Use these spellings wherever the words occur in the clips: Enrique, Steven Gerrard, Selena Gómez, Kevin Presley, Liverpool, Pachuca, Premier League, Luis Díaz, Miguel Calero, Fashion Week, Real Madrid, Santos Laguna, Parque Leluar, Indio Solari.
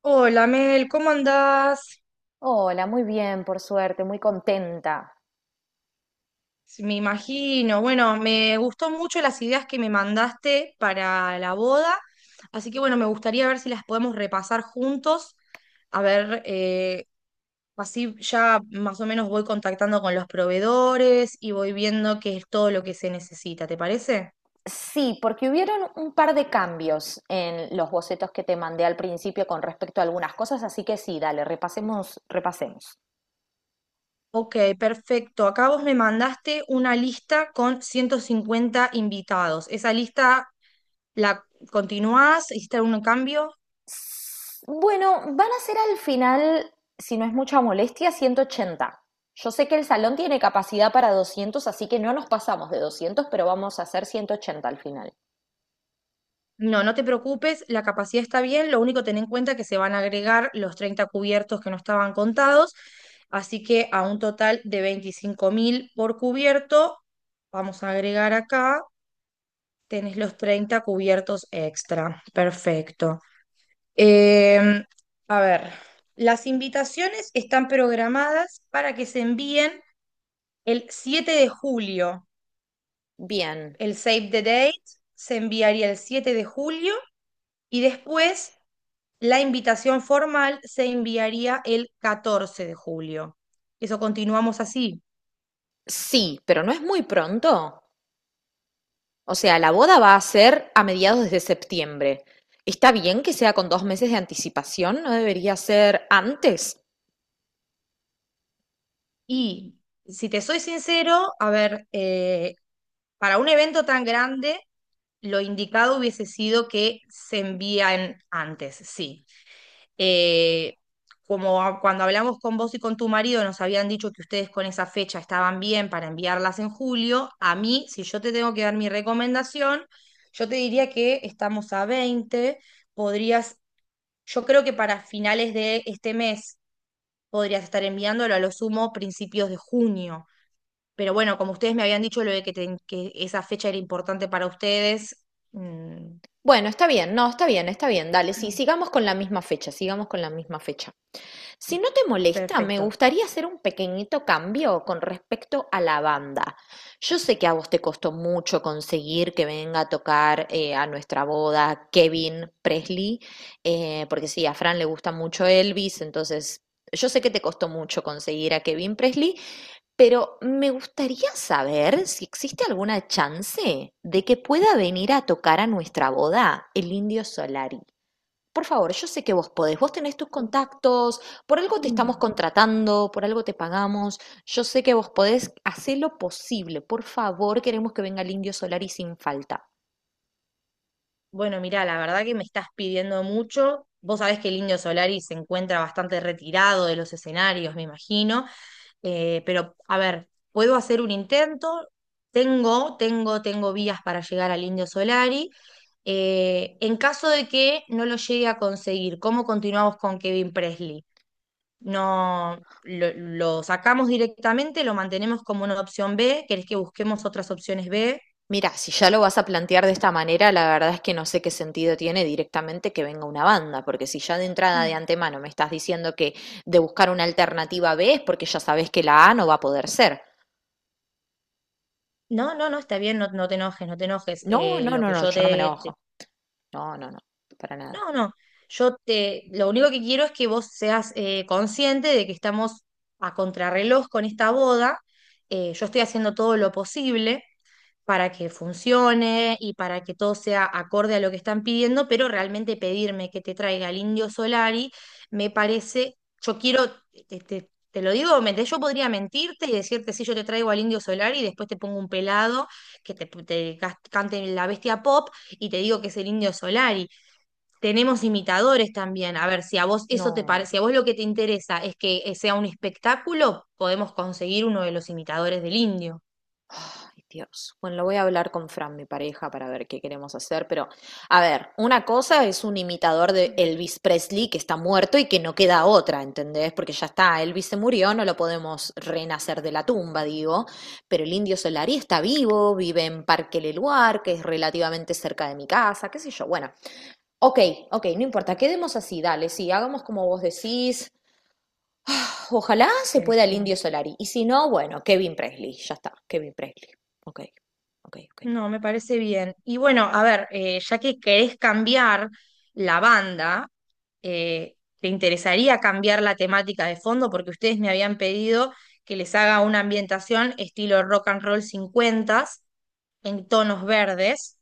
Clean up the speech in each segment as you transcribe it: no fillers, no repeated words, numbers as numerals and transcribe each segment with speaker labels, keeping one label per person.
Speaker 1: Hola Mel, ¿cómo andás?
Speaker 2: Hola, muy bien, por suerte, muy contenta.
Speaker 1: Sí, me imagino. Bueno, me gustó mucho las ideas que me mandaste para la boda, así que bueno, me gustaría ver si las podemos repasar juntos, a ver, así ya más o menos voy contactando con los proveedores y voy viendo qué es todo lo que se necesita, ¿te parece?
Speaker 2: Sí, porque hubieron un par de cambios en los bocetos que te mandé al principio con respecto a algunas cosas, así que sí, dale, repasemos, repasemos.
Speaker 1: Ok, perfecto. Acá vos me mandaste una lista con 150 invitados. ¿Esa lista la continuás? ¿Hiciste algún cambio?
Speaker 2: Bueno, van a ser al final, si no es mucha molestia, 180. Yo sé que el salón tiene capacidad para 200, así que no nos pasamos de 200, pero vamos a hacer 180 al final.
Speaker 1: No, no te preocupes, la capacidad está bien, lo único ten en cuenta que se van a agregar los 30 cubiertos que no estaban contados, así que a un total de 25.000 por cubierto, vamos a agregar acá, tenés los 30 cubiertos extra, perfecto. Em, a ver, las invitaciones están programadas para que se envíen el 7 de julio,
Speaker 2: Bien,
Speaker 1: el save the date se enviaría el 7 de julio y después... La invitación formal se enviaría el 14 de julio. Eso continuamos así.
Speaker 2: sí, pero no es muy pronto. O sea, la boda va a ser a mediados de septiembre. ¿Está bien que sea con 2 meses de anticipación? ¿No debería ser antes?
Speaker 1: Y si te soy sincero, a ver, para un evento tan grande, lo indicado hubiese sido que se envían antes, sí. Eh, cuando hablamos con vos y con tu marido, nos habían dicho que ustedes con esa fecha estaban bien para enviarlas en julio, a mí, si yo te tengo que dar mi recomendación, yo te diría que estamos a 20. Podrías, yo creo que para finales de este mes podrías estar enviándolo a lo sumo principios de junio. Pero bueno, como ustedes me habían dicho lo de que, que esa fecha era importante para ustedes, mm,
Speaker 2: Bueno, está bien, no, está bien, dale, sí, sigamos con la misma fecha, sigamos con la misma fecha. Si no te molesta, me
Speaker 1: perfecto.
Speaker 2: gustaría hacer un pequeñito cambio con respecto a la banda. Yo sé que a vos te costó mucho conseguir que venga a tocar a nuestra boda Kevin Presley, porque sí, a Fran le gusta mucho Elvis, entonces yo sé que te costó mucho conseguir a Kevin Presley, pero me gustaría saber si existe alguna chance de que pueda venir a tocar a nuestra boda el Indio Solari. Por favor, yo sé que vos podés, vos tenés tus contactos, por algo te estamos contratando, por algo te pagamos, yo sé que vos podés hacer lo posible, por favor, queremos que venga el Indio Solari sin falta.
Speaker 1: Bueno, mira, la verdad que me estás pidiendo mucho. Vos sabés que el Indio Solari se encuentra bastante retirado de los escenarios, me imagino. Pero, a ver, puedo hacer un intento. Tengo vías para llegar al Indio Solari. En caso de que no lo llegue a conseguir, ¿cómo continuamos con Kevin Presley? No, lo sacamos directamente, lo mantenemos como una opción B. ¿Querés que busquemos otras opciones B?
Speaker 2: Mira, si ya lo vas a plantear de esta manera, la verdad es que no sé qué sentido tiene directamente que venga una banda, porque si ya de entrada de antemano me estás diciendo que de buscar una alternativa B es porque ya sabes que la A no va a poder ser.
Speaker 1: No, no, no, está bien, no, no te enojes, no te enojes.
Speaker 2: No, no,
Speaker 1: Lo
Speaker 2: no,
Speaker 1: que
Speaker 2: no,
Speaker 1: yo
Speaker 2: yo no me enojo. No, no, no, para nada.
Speaker 1: no, no, yo te... Lo único que quiero es que vos seas consciente de que estamos a contrarreloj con esta boda. Yo estoy haciendo todo lo posible para que funcione y para que todo sea acorde a lo que están pidiendo, pero realmente pedirme que te traiga el Indio Solari me parece, yo quiero, te lo digo, yo podría mentirte y decirte, si yo te traigo al Indio Solari y después te pongo un pelado que cante la bestia pop y te digo que es el Indio Solari. Tenemos imitadores también. A ver, si a vos eso te
Speaker 2: No.
Speaker 1: parece, si a vos lo que te interesa es que sea un espectáculo, podemos conseguir uno de los imitadores del Indio.
Speaker 2: Ay, Dios. Bueno, lo voy a hablar con Fran, mi pareja, para ver qué queremos hacer, pero a ver, una cosa es un imitador de Elvis Presley que está muerto y que no queda otra, ¿entendés? Porque ya está, Elvis se murió, no lo podemos renacer de la tumba, digo, pero el Indio Solari está vivo, vive en Parque Leluar, que es relativamente cerca de mi casa, qué sé yo. Bueno, ok, ok, no importa, quedemos así, dale, sí, hagamos como vos decís. Ojalá se pueda el Indio Solari. Y si no, bueno, Kevin Presley. Ya está, Kevin Presley. Ok, ok, ok.
Speaker 1: No, me parece bien. Y bueno, a ver, ya que querés cambiar la banda, eh, ¿te interesaría cambiar la temática de fondo? Porque ustedes me habían pedido que les haga una ambientación estilo rock and roll 50 en tonos verdes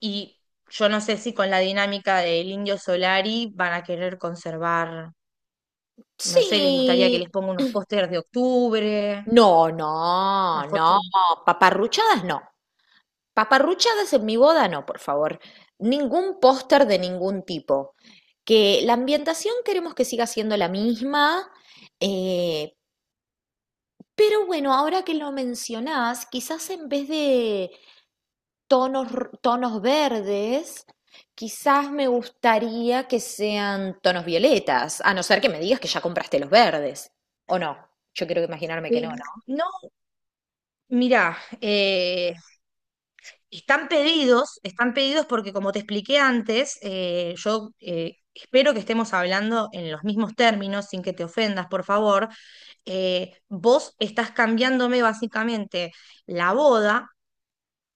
Speaker 1: y yo no sé si con la dinámica del Indio Solari van a querer conservar, no sé, les gustaría que les
Speaker 2: Sí.
Speaker 1: ponga unos pósters de octubre,
Speaker 2: No, no,
Speaker 1: una
Speaker 2: no.
Speaker 1: foto.
Speaker 2: Paparruchadas no. Paparruchadas en mi boda no, por favor. Ningún póster de ningún tipo. Que la ambientación queremos que siga siendo la misma. eh, pero bueno, ahora que lo mencionás, quizás en vez de tonos, tonos verdes, quizás me gustaría que sean tonos violetas, a no ser que me digas que ya compraste los verdes, ¿o no? Yo quiero imaginarme que no,
Speaker 1: Sí.
Speaker 2: ¿no?
Speaker 1: No, mirá, están pedidos, están pedidos porque como te expliqué antes, yo espero que estemos hablando en los mismos términos, sin que te ofendas, por favor. Vos estás cambiándome básicamente la boda,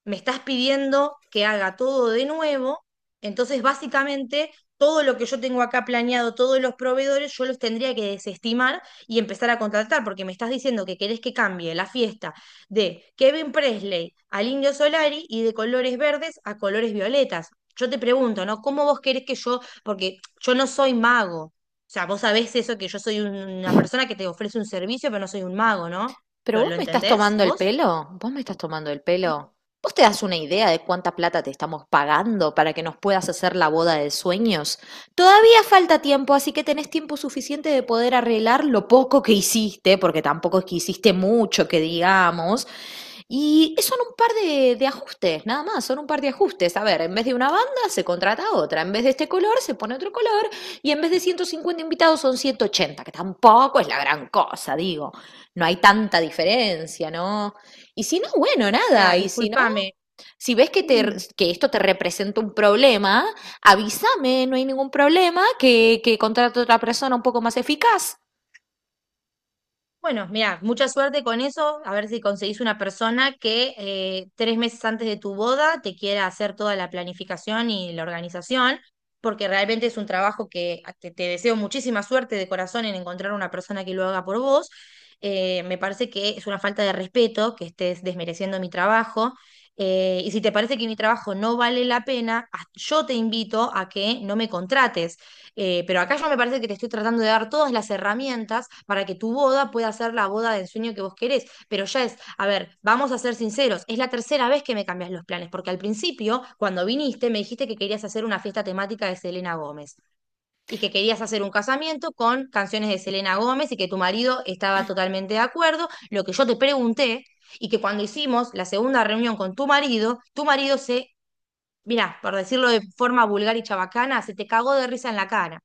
Speaker 1: me estás pidiendo que haga todo de nuevo, entonces básicamente todo lo que yo tengo acá planeado, todos los proveedores, yo los tendría que desestimar y empezar a contratar, porque me estás diciendo que querés que cambie la fiesta de Kevin Presley al Indio Solari y de colores verdes a colores violetas. Yo te pregunto, ¿no? ¿Cómo vos querés que yo, porque yo no soy mago? O sea, vos sabés eso, que yo soy una persona que te ofrece un servicio, pero no soy un mago, ¿no?
Speaker 2: Pero
Speaker 1: ¿Lo,
Speaker 2: vos
Speaker 1: lo
Speaker 2: me estás
Speaker 1: entendés
Speaker 2: tomando el
Speaker 1: vos?
Speaker 2: pelo, vos me estás tomando el pelo. ¿Vos te das una idea de cuánta plata te estamos pagando para que nos puedas hacer la boda de sueños? Todavía falta tiempo, así que tenés tiempo suficiente de poder arreglar lo poco que hiciste, porque tampoco es que hiciste mucho, que digamos, y son un par de ajustes, nada más, son un par de ajustes. A ver, en vez de una banda se contrata otra, en vez de este color se pone otro color y en vez de 150 invitados son 180 que tampoco es la gran cosa, digo, no hay tanta diferencia, ¿no? Y si no, bueno,
Speaker 1: Ya,
Speaker 2: nada, y si no,
Speaker 1: discúlpame.
Speaker 2: si ves que, te, que esto te representa un problema, avísame, no hay ningún problema, que contrato a otra persona un poco más eficaz.
Speaker 1: Bueno, mira, mucha suerte con eso, a ver si conseguís una persona que 3 meses antes de tu boda te quiera hacer toda la planificación y la organización, porque realmente es un trabajo que ah, te deseo muchísima suerte de corazón en encontrar una persona que lo haga por vos. Me parece que es una falta de respeto que estés desmereciendo mi trabajo. Y si te parece que mi trabajo no vale la pena, yo te invito a que no me contrates. Pero acá yo me parece que te estoy tratando de dar todas las herramientas para que tu boda pueda ser la boda de ensueño que vos querés. Pero ya es, a ver, vamos a ser sinceros, es la tercera vez que me cambias los planes, porque al principio, cuando viniste, me dijiste que querías hacer una fiesta temática de Selena Gómez y que querías hacer un casamiento con canciones de Selena Gómez y que tu marido estaba totalmente de acuerdo. Lo que yo te pregunté y que cuando hicimos la segunda reunión con tu marido se, mira, por decirlo de forma vulgar y chabacana, se te cagó de risa en la cara.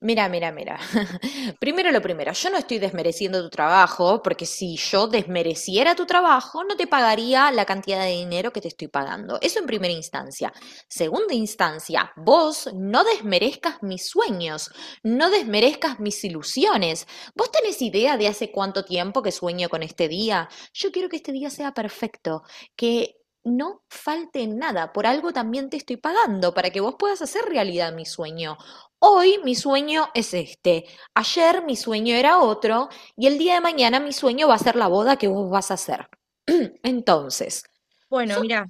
Speaker 2: Mira, mira, mira. Primero lo primero, yo no estoy desmereciendo tu trabajo, porque si yo desmereciera tu trabajo, no te pagaría la cantidad de dinero que te estoy pagando. Eso en primera instancia. Segunda instancia, vos no desmerezcas mis sueños, no desmerezcas mis ilusiones. ¿Vos tenés idea de hace cuánto tiempo que sueño con este día? Yo quiero que este día sea perfecto, que no falte nada. Por algo también te estoy pagando, para que vos puedas hacer realidad mi sueño. Hoy mi sueño es este, ayer mi sueño era otro y el día de mañana mi sueño va a ser la boda que vos vas a hacer. Entonces,
Speaker 1: Bueno,
Speaker 2: so-
Speaker 1: mirá,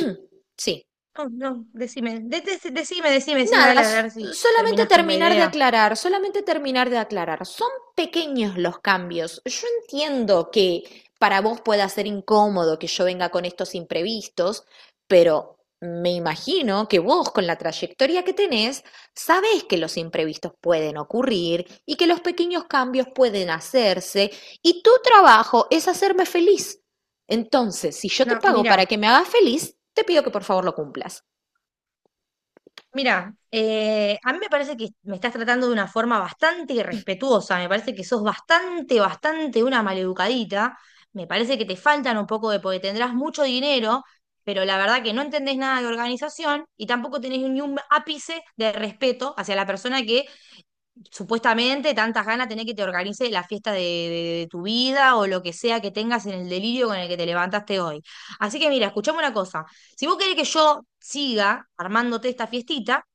Speaker 2: sí,
Speaker 1: no, no, decime, decime, decime, decime,
Speaker 2: nada,
Speaker 1: dale a ver si
Speaker 2: solamente
Speaker 1: terminás con la
Speaker 2: terminar de
Speaker 1: idea.
Speaker 2: aclarar, solamente terminar de aclarar. Son pequeños los cambios. Yo entiendo que para vos pueda ser incómodo que yo venga con estos imprevistos, pero me imagino que vos con la trayectoria que tenés, sabés que los imprevistos pueden ocurrir y que los pequeños cambios pueden hacerse y tu trabajo es hacerme feliz. Entonces, si yo te
Speaker 1: No,
Speaker 2: pago para
Speaker 1: mira,
Speaker 2: que me hagas feliz, te pido que por favor lo cumplas.
Speaker 1: mira, a mí me parece que me estás tratando de una forma bastante irrespetuosa, me parece que sos bastante una maleducadita, me parece que te faltan un poco de, porque tendrás mucho dinero, pero la verdad que no entendés nada de organización y tampoco tenés ni un ápice de respeto hacia la persona que supuestamente tantas ganas tenés que te organice la fiesta de, tu vida o lo que sea que tengas en el delirio con el que te levantaste hoy. Así que mira, escuchame una cosa. Si vos querés que yo siga armándote esta fiestita,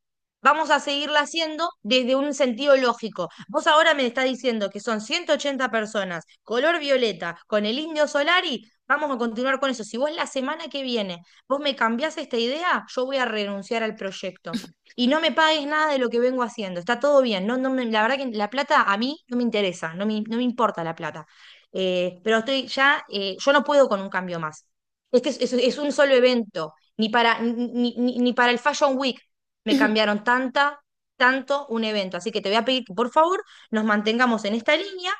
Speaker 1: vamos a seguirla haciendo desde un sentido lógico. Vos ahora me estás diciendo que son 180 personas, color violeta, con el indio Solari. Vamos a continuar con eso. Si vos la semana que viene vos me cambiás esta idea, yo voy a renunciar al proyecto y no me pagues nada de lo que vengo haciendo. Está todo bien. No, la verdad que la plata a mí no me interesa, no me importa la plata. Pero estoy ya, yo no puedo con un cambio más. Este es, es un solo evento. Ni para, ni, ni para el Fashion Week me cambiaron tanto un evento. Así que te voy a pedir que por favor nos mantengamos en esta línea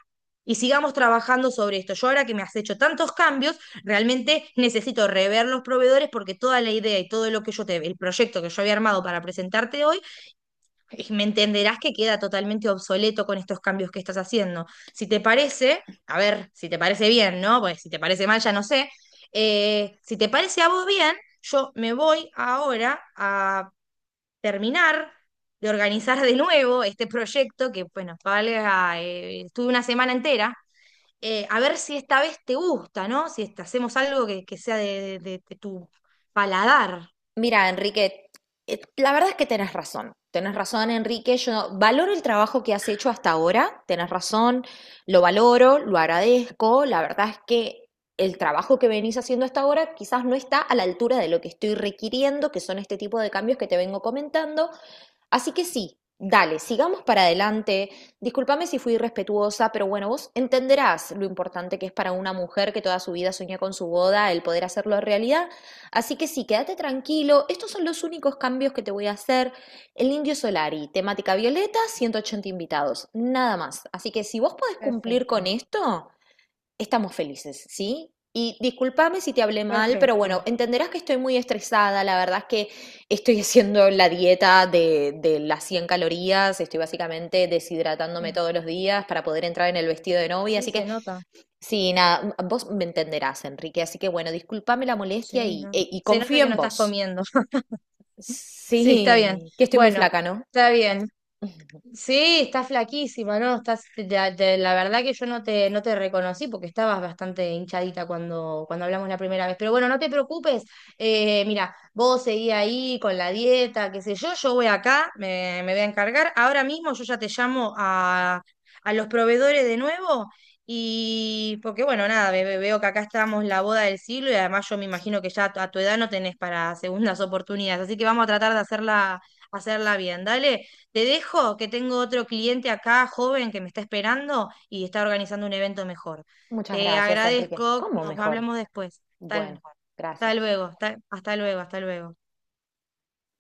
Speaker 1: y sigamos trabajando sobre esto. Yo ahora que me has hecho tantos cambios, realmente necesito rever los proveedores porque toda la idea y todo lo que yo te, el proyecto que yo había armado para presentarte hoy, me entenderás que queda totalmente obsoleto con estos cambios que estás haciendo. Si te parece, a ver, si te parece bien, ¿no? Pues si te parece mal, ya no sé. Si te parece a vos bien, yo me voy ahora a terminar de organizar de nuevo este proyecto que, bueno, valga, estuve una semana entera a ver si esta vez te gusta, ¿no? Si hacemos algo que, de tu paladar.
Speaker 2: Mira, Enrique, la verdad es que tenés razón. Tenés razón, Enrique. Yo valoro el trabajo que has hecho hasta ahora. Tenés razón, lo valoro, lo agradezco. La verdad es que el trabajo que venís haciendo hasta ahora quizás no está a la altura de lo que estoy requiriendo, que son este tipo de cambios que te vengo comentando. Así que sí, dale, sigamos para adelante. Discúlpame si fui irrespetuosa, pero bueno, vos entenderás lo importante que es para una mujer que toda su vida soñó con su boda el poder hacerlo realidad. Así que sí, quédate tranquilo. Estos son los únicos cambios que te voy a hacer. El Indio Solari, temática violeta, 180 invitados, nada más. Así que si vos podés cumplir con
Speaker 1: Perfecto,
Speaker 2: esto, estamos felices, ¿sí? Y discúlpame si te hablé mal, pero
Speaker 1: perfecto.
Speaker 2: bueno, entenderás que estoy muy estresada. La verdad es que estoy haciendo la dieta de las 100 calorías. Estoy básicamente deshidratándome
Speaker 1: Sí,
Speaker 2: todos los días para poder entrar en el vestido de novia.
Speaker 1: sí,
Speaker 2: Así
Speaker 1: se
Speaker 2: que
Speaker 1: nota.
Speaker 2: sí, nada, vos me entenderás, Enrique, así que bueno, discúlpame la molestia
Speaker 1: Sí,
Speaker 2: y,
Speaker 1: no.
Speaker 2: e- y
Speaker 1: Se nota
Speaker 2: confío
Speaker 1: que no
Speaker 2: en
Speaker 1: estás
Speaker 2: vos.
Speaker 1: comiendo. Sí, está bien.
Speaker 2: Sí, que estoy muy
Speaker 1: Bueno,
Speaker 2: flaca, ¿no?
Speaker 1: está bien. Sí, estás flaquísima, ¿no? Estás, la verdad que yo no te, no te reconocí porque estabas bastante hinchadita cuando, cuando hablamos la primera vez. Pero bueno, no te preocupes. Vos seguí ahí con la dieta, qué sé yo. Yo voy acá, me voy a encargar. Ahora mismo yo ya te llamo a los proveedores de nuevo. Y porque bueno, nada, veo que acá estamos la boda del siglo y además yo me imagino que ya a tu edad no tenés para segundas oportunidades. Así que vamos a tratar de hacerla, hacerla bien, dale. Te dejo que tengo otro cliente acá, joven, que me está esperando y está organizando un evento mejor.
Speaker 2: Muchas
Speaker 1: Te
Speaker 2: gracias, Enrique.
Speaker 1: agradezco,
Speaker 2: ¿Cómo
Speaker 1: nos
Speaker 2: mejor?
Speaker 1: hablamos después.
Speaker 2: Bueno,
Speaker 1: Tal, hasta
Speaker 2: gracias.
Speaker 1: luego, hasta luego, hasta luego.